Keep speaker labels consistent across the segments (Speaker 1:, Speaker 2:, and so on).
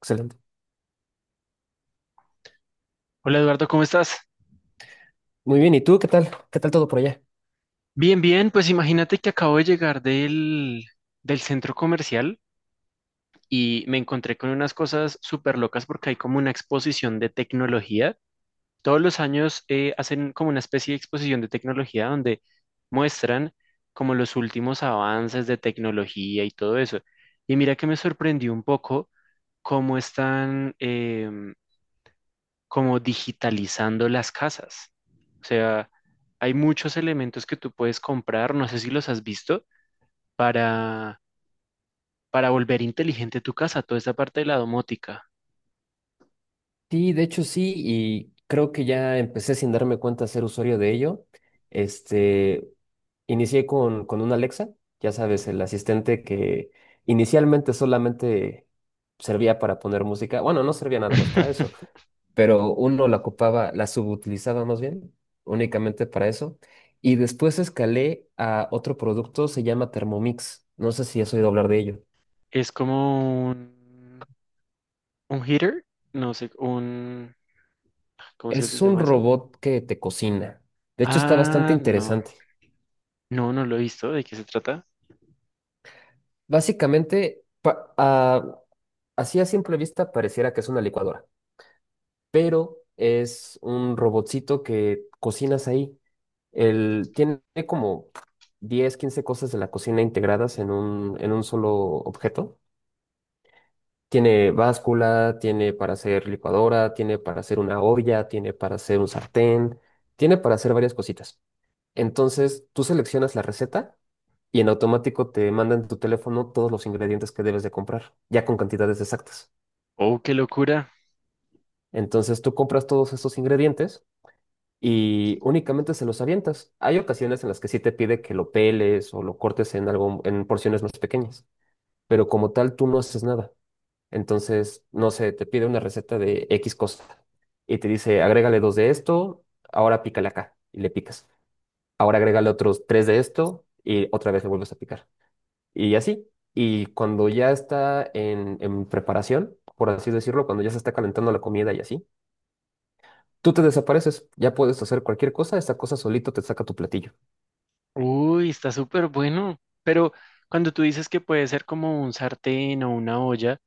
Speaker 1: Excelente.
Speaker 2: Hola Eduardo, ¿cómo estás?
Speaker 1: Muy bien, ¿y tú qué tal? ¿Qué tal todo por allá?
Speaker 2: Bien, bien, pues imagínate que acabo de llegar del centro comercial y me encontré con unas cosas súper locas porque hay como una exposición de tecnología. Todos los años hacen como una especie de exposición de tecnología donde muestran como los últimos avances de tecnología y todo eso. Y mira que me sorprendió un poco cómo están, como digitalizando las casas. O sea, hay muchos elementos que tú puedes comprar, no sé si los has visto, para, para volver inteligente tu casa, toda esta parte de la domótica.
Speaker 1: Sí, de hecho sí, y creo que ya empecé sin darme cuenta a ser usuario de ello. Este, Inicié con una Alexa, ya sabes, el asistente que inicialmente solamente servía para poner música. Bueno, no servía nada más para eso, pero uno la ocupaba, la subutilizaba más bien, únicamente para eso. Y después escalé a otro producto, se llama Thermomix. No sé si has oído hablar de ello.
Speaker 2: Es como un heater, no sé, un, ¿cómo es que se
Speaker 1: Es un
Speaker 2: llama eso?
Speaker 1: robot que te cocina. De hecho, está bastante
Speaker 2: Ah, no,
Speaker 1: interesante.
Speaker 2: no, no lo he visto, ¿de qué se trata?
Speaker 1: Básicamente, así a simple vista pareciera que es una licuadora, pero es un robotcito que cocinas ahí. Él tiene como 10, 15 cosas de la cocina integradas en un solo objeto. Tiene báscula, tiene para hacer licuadora, tiene para hacer una olla, tiene para hacer un sartén, tiene para hacer varias cositas. Entonces, tú seleccionas la receta y en automático te manda en tu teléfono todos los ingredientes que debes de comprar, ya con cantidades exactas.
Speaker 2: Oh, qué locura.
Speaker 1: Entonces, tú compras todos estos ingredientes y únicamente se los avientas. Hay ocasiones en las que sí te pide que lo peles o lo cortes en algo, en porciones más pequeñas, pero como tal tú no haces nada. Entonces, no sé, te pide una receta de X cosa y te dice, agrégale dos de esto, ahora pícale acá y le picas. Ahora agrégale otros tres de esto y otra vez le vuelves a picar. Y así. Y cuando ya está en preparación, por así decirlo, cuando ya se está calentando la comida y así, tú te desapareces. Ya puedes hacer cualquier cosa, esta cosa solito te saca tu platillo.
Speaker 2: Uy, está súper bueno. Pero cuando tú dices que puede ser como un sartén o una olla,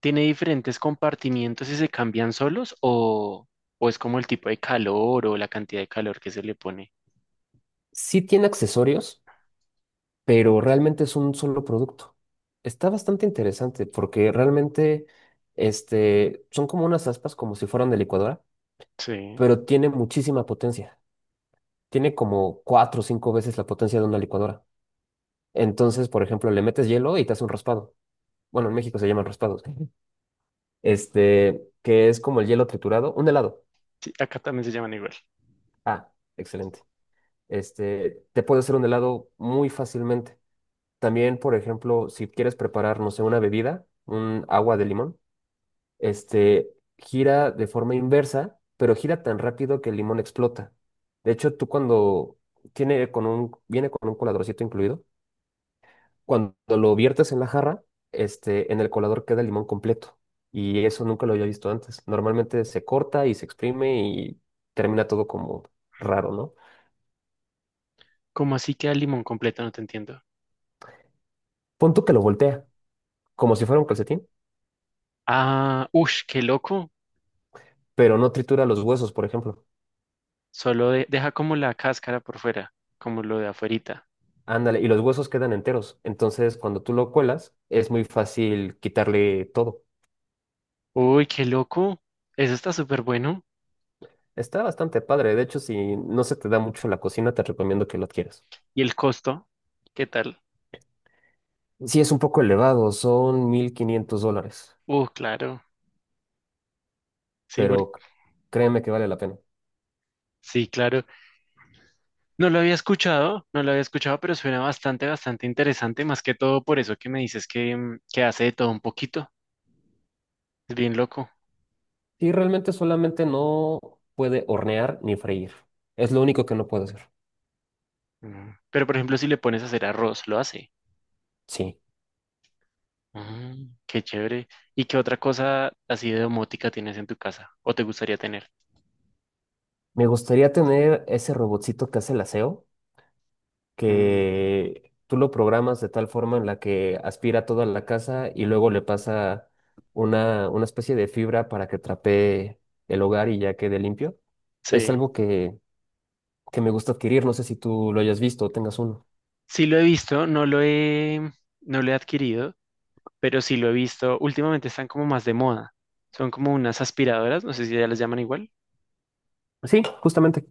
Speaker 2: ¿tiene diferentes compartimientos y se cambian solos o es como el tipo de calor o la cantidad de calor que se le pone?
Speaker 1: Sí tiene accesorios, pero realmente es un solo producto. Está bastante interesante porque realmente son como unas aspas como si fueran de licuadora,
Speaker 2: Sí,
Speaker 1: pero tiene muchísima potencia. Tiene como cuatro o cinco veces la potencia de una licuadora. Entonces, por ejemplo, le metes hielo y te hace un raspado. Bueno, en México se llaman raspados. Ujú. Que es como el hielo triturado, un helado.
Speaker 2: sí, acá también se llaman igual.
Speaker 1: Ah, excelente. Te puede hacer un helado muy fácilmente. También, por ejemplo, si quieres preparar, no sé, una bebida, un agua de limón, este, gira de forma inversa, pero gira tan rápido que el limón explota. De hecho, tú cuando viene con un coladorcito incluido, cuando lo viertes en la jarra, en el colador queda el limón completo. Y eso nunca lo había visto antes. Normalmente se corta y se exprime y termina todo como raro, ¿no?
Speaker 2: ¿Cómo así queda el limón completo? No te entiendo.
Speaker 1: Pon tú que lo voltea, como si fuera un calcetín,
Speaker 2: Ah, ush, qué loco.
Speaker 1: pero no tritura los huesos, por ejemplo.
Speaker 2: Solo deja como la cáscara por fuera, como lo de afuerita.
Speaker 1: Ándale, y los huesos quedan enteros. Entonces, cuando tú lo cuelas, es muy fácil quitarle todo.
Speaker 2: Uy, qué loco. Eso está súper bueno.
Speaker 1: Está bastante padre. De hecho, si no se te da mucho la cocina, te recomiendo que lo adquieras.
Speaker 2: ¿Y el costo? ¿Qué tal?
Speaker 1: Sí, es un poco elevado, son $1500,
Speaker 2: Claro. Sí,
Speaker 1: pero c- créeme que vale la pena.
Speaker 2: sí, claro. No lo había escuchado, no lo había escuchado, pero suena bastante, bastante interesante, más que todo por eso que me dices que, mm, que hace de todo un poquito. Es bien loco.
Speaker 1: Y realmente solamente no puede hornear ni freír. Es lo único que no puede hacer.
Speaker 2: Mm. Pero por ejemplo, si le pones a hacer arroz, lo hace.
Speaker 1: Sí.
Speaker 2: Mm, qué chévere. ¿Y qué otra cosa así de domótica tienes en tu casa o te gustaría tener?
Speaker 1: Me gustaría tener ese robotcito que hace el aseo,
Speaker 2: Mm,
Speaker 1: que tú lo programas de tal forma en la que aspira toda la casa y luego le pasa una especie de fibra para que trapee el hogar y ya quede limpio. Es
Speaker 2: sí,
Speaker 1: algo que me gusta adquirir, no sé si tú lo hayas visto o tengas uno.
Speaker 2: sí lo he visto, no lo he adquirido, pero sí lo he visto. Últimamente están como más de moda. Son como unas aspiradoras, no sé si ya las llaman igual.
Speaker 1: Sí, justamente.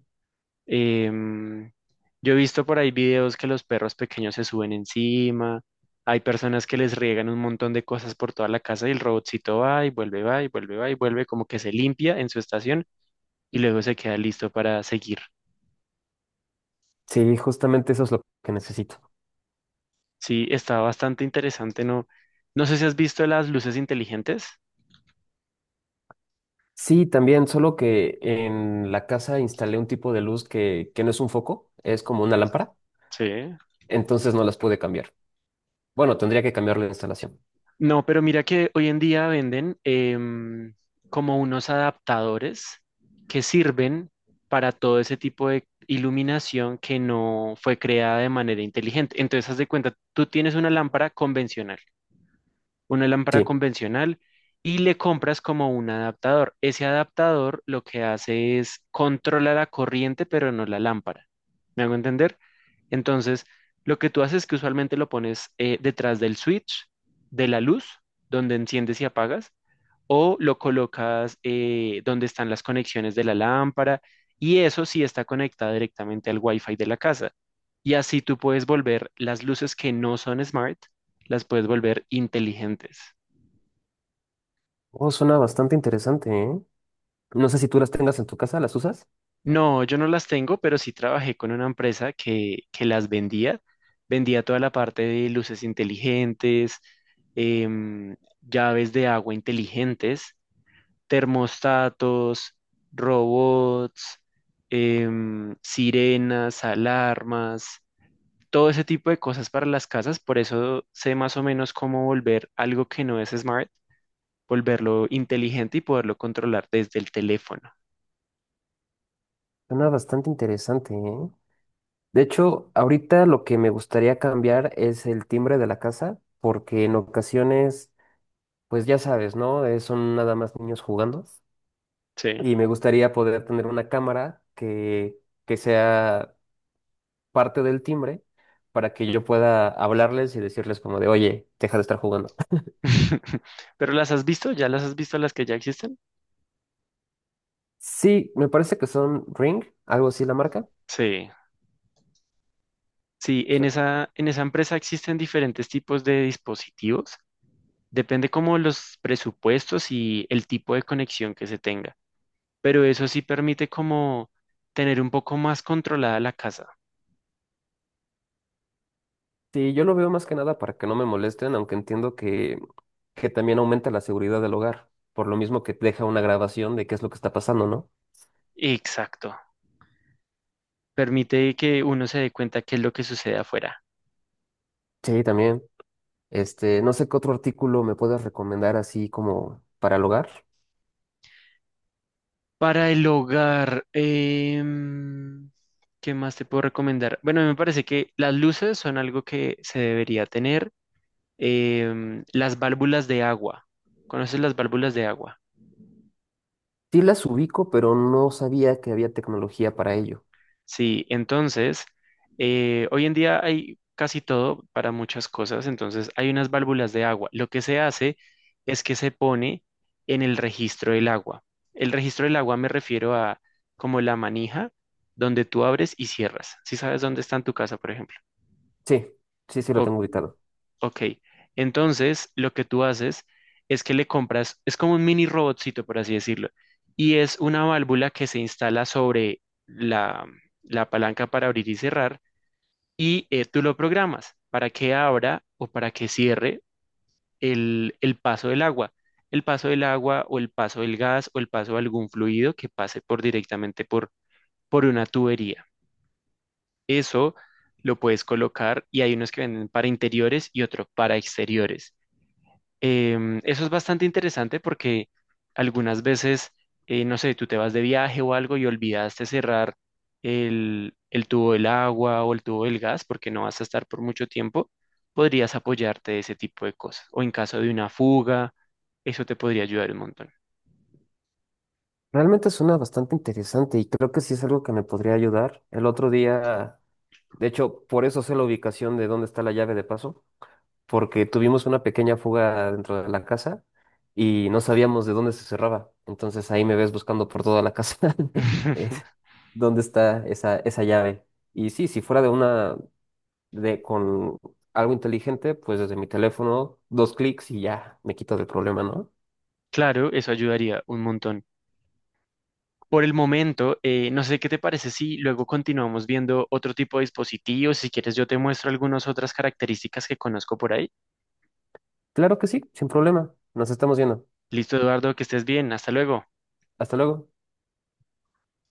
Speaker 2: Em, yo he visto por ahí videos que los perros pequeños se suben encima, hay personas que les riegan un montón de cosas por toda la casa y el robotcito va y vuelve, va y vuelve, va y vuelve, como que se limpia en su estación y luego se queda listo para seguir.
Speaker 1: Sí, justamente eso es lo que necesito.
Speaker 2: Sí, está bastante interesante, ¿no? No sé si has visto las luces inteligentes.
Speaker 1: Sí, también, solo que en la casa instalé un tipo de luz que no es un foco, es como una lámpara,
Speaker 2: Sí.
Speaker 1: entonces no las pude cambiar. Bueno, tendría que cambiar la instalación.
Speaker 2: No, pero mira que hoy en día venden como unos adaptadores que sirven para todo ese tipo de iluminación que no fue creada de manera inteligente. Entonces, haz de cuenta, tú tienes una lámpara
Speaker 1: Sí.
Speaker 2: convencional y le compras como un adaptador. Ese adaptador lo que hace es controla la corriente, pero no la lámpara. ¿Me hago entender? Entonces, lo que tú haces es que usualmente lo pones detrás del switch de la luz, donde enciendes y apagas, o lo colocas donde están las conexiones de la lámpara, y eso sí está conectado directamente al Wi-Fi de la casa. Y así tú puedes volver las luces que no son smart las puedes volver inteligentes.
Speaker 1: Oh, suena bastante interesante, ¿eh? No sé si tú las tengas en tu casa, ¿las usas?
Speaker 2: No, yo no las tengo, pero sí trabajé con una empresa que las vendía. Vendía toda la parte de luces inteligentes, em, llaves de agua inteligentes, termostatos, robots, sirenas, alarmas, todo ese tipo de cosas para las casas. Por eso sé más o menos cómo volver algo que no es smart, volverlo inteligente y poderlo controlar desde el teléfono.
Speaker 1: Suena bastante interesante, ¿eh? De hecho, ahorita lo que me gustaría cambiar es el timbre de la casa, porque en ocasiones, pues ya sabes, ¿no? Son nada más niños jugando.
Speaker 2: Sí.
Speaker 1: Y me gustaría poder tener una cámara que sea parte del timbre para que yo pueda hablarles y decirles como de, oye, deja de estar jugando.
Speaker 2: ¿Pero las has visto? ¿Ya las has visto las que ya existen?
Speaker 1: Sí, me parece que son Ring, algo así la marca.
Speaker 2: Sí. Sí, en esa empresa existen diferentes tipos de dispositivos. Depende como los presupuestos y el tipo de conexión que se tenga. Pero eso sí permite como tener un poco más controlada la casa.
Speaker 1: Sí, yo lo veo más que nada para que no me molesten, aunque entiendo que también aumenta la seguridad del hogar, por lo mismo que deja una grabación de qué es lo que está pasando, ¿no?
Speaker 2: Exacto. Permite que uno se dé cuenta qué es lo que sucede afuera.
Speaker 1: Sí, también. No sé qué otro artículo me puedas recomendar así como para el hogar.
Speaker 2: Para el hogar, ¿qué más te puedo recomendar? Bueno, me parece que las luces son algo que se debería tener. Em, las válvulas de agua. ¿Conoces las válvulas de agua?
Speaker 1: Sí las ubico, pero no sabía que había tecnología para ello.
Speaker 2: Sí, entonces, hoy en día hay casi todo para muchas cosas, entonces hay unas válvulas de agua. Lo que se hace es que se pone en el registro del agua. El registro del agua me refiero a como la manija donde tú abres y cierras. Si sabes dónde está en tu casa, por ejemplo.
Speaker 1: Sí, sí, sí lo
Speaker 2: Ok.
Speaker 1: tengo ubicado.
Speaker 2: Ok, entonces lo que tú haces es que le compras, es como un mini robotcito, por así decirlo, y es una válvula que se instala sobre la palanca para abrir y cerrar, y tú lo programas para que abra o para que cierre el paso del agua, el paso del agua o el paso del gas o el paso de algún fluido que pase por directamente por una tubería. Eso lo puedes colocar y hay unos que venden para interiores y otros para exteriores. Eso es bastante interesante porque algunas veces, no sé, tú te vas de viaje o algo y olvidaste cerrar el tubo del agua o el tubo del gas porque no vas a estar por mucho tiempo, podrías apoyarte de ese tipo de cosas. O en caso de una fuga, eso te podría ayudar un montón.
Speaker 1: Realmente suena bastante interesante y creo que sí es algo que me podría ayudar. El otro día, de hecho, por eso sé la ubicación de dónde está la llave de paso porque tuvimos una pequeña fuga dentro de la casa y no sabíamos de dónde se cerraba. Entonces ahí me ves buscando por toda la casa eh, dónde está esa llave. Y sí, si fuera de una, de con algo inteligente, pues desde mi teléfono, dos clics y ya me quito del problema, ¿no?
Speaker 2: Claro, eso ayudaría un montón. Por el momento, no sé qué te parece si luego continuamos viendo otro tipo de dispositivos. Si quieres, yo te muestro algunas otras características que conozco por ahí.
Speaker 1: Claro que sí, sin problema. Nos estamos viendo.
Speaker 2: Listo, Eduardo, que estés bien. Hasta luego.
Speaker 1: Hasta luego.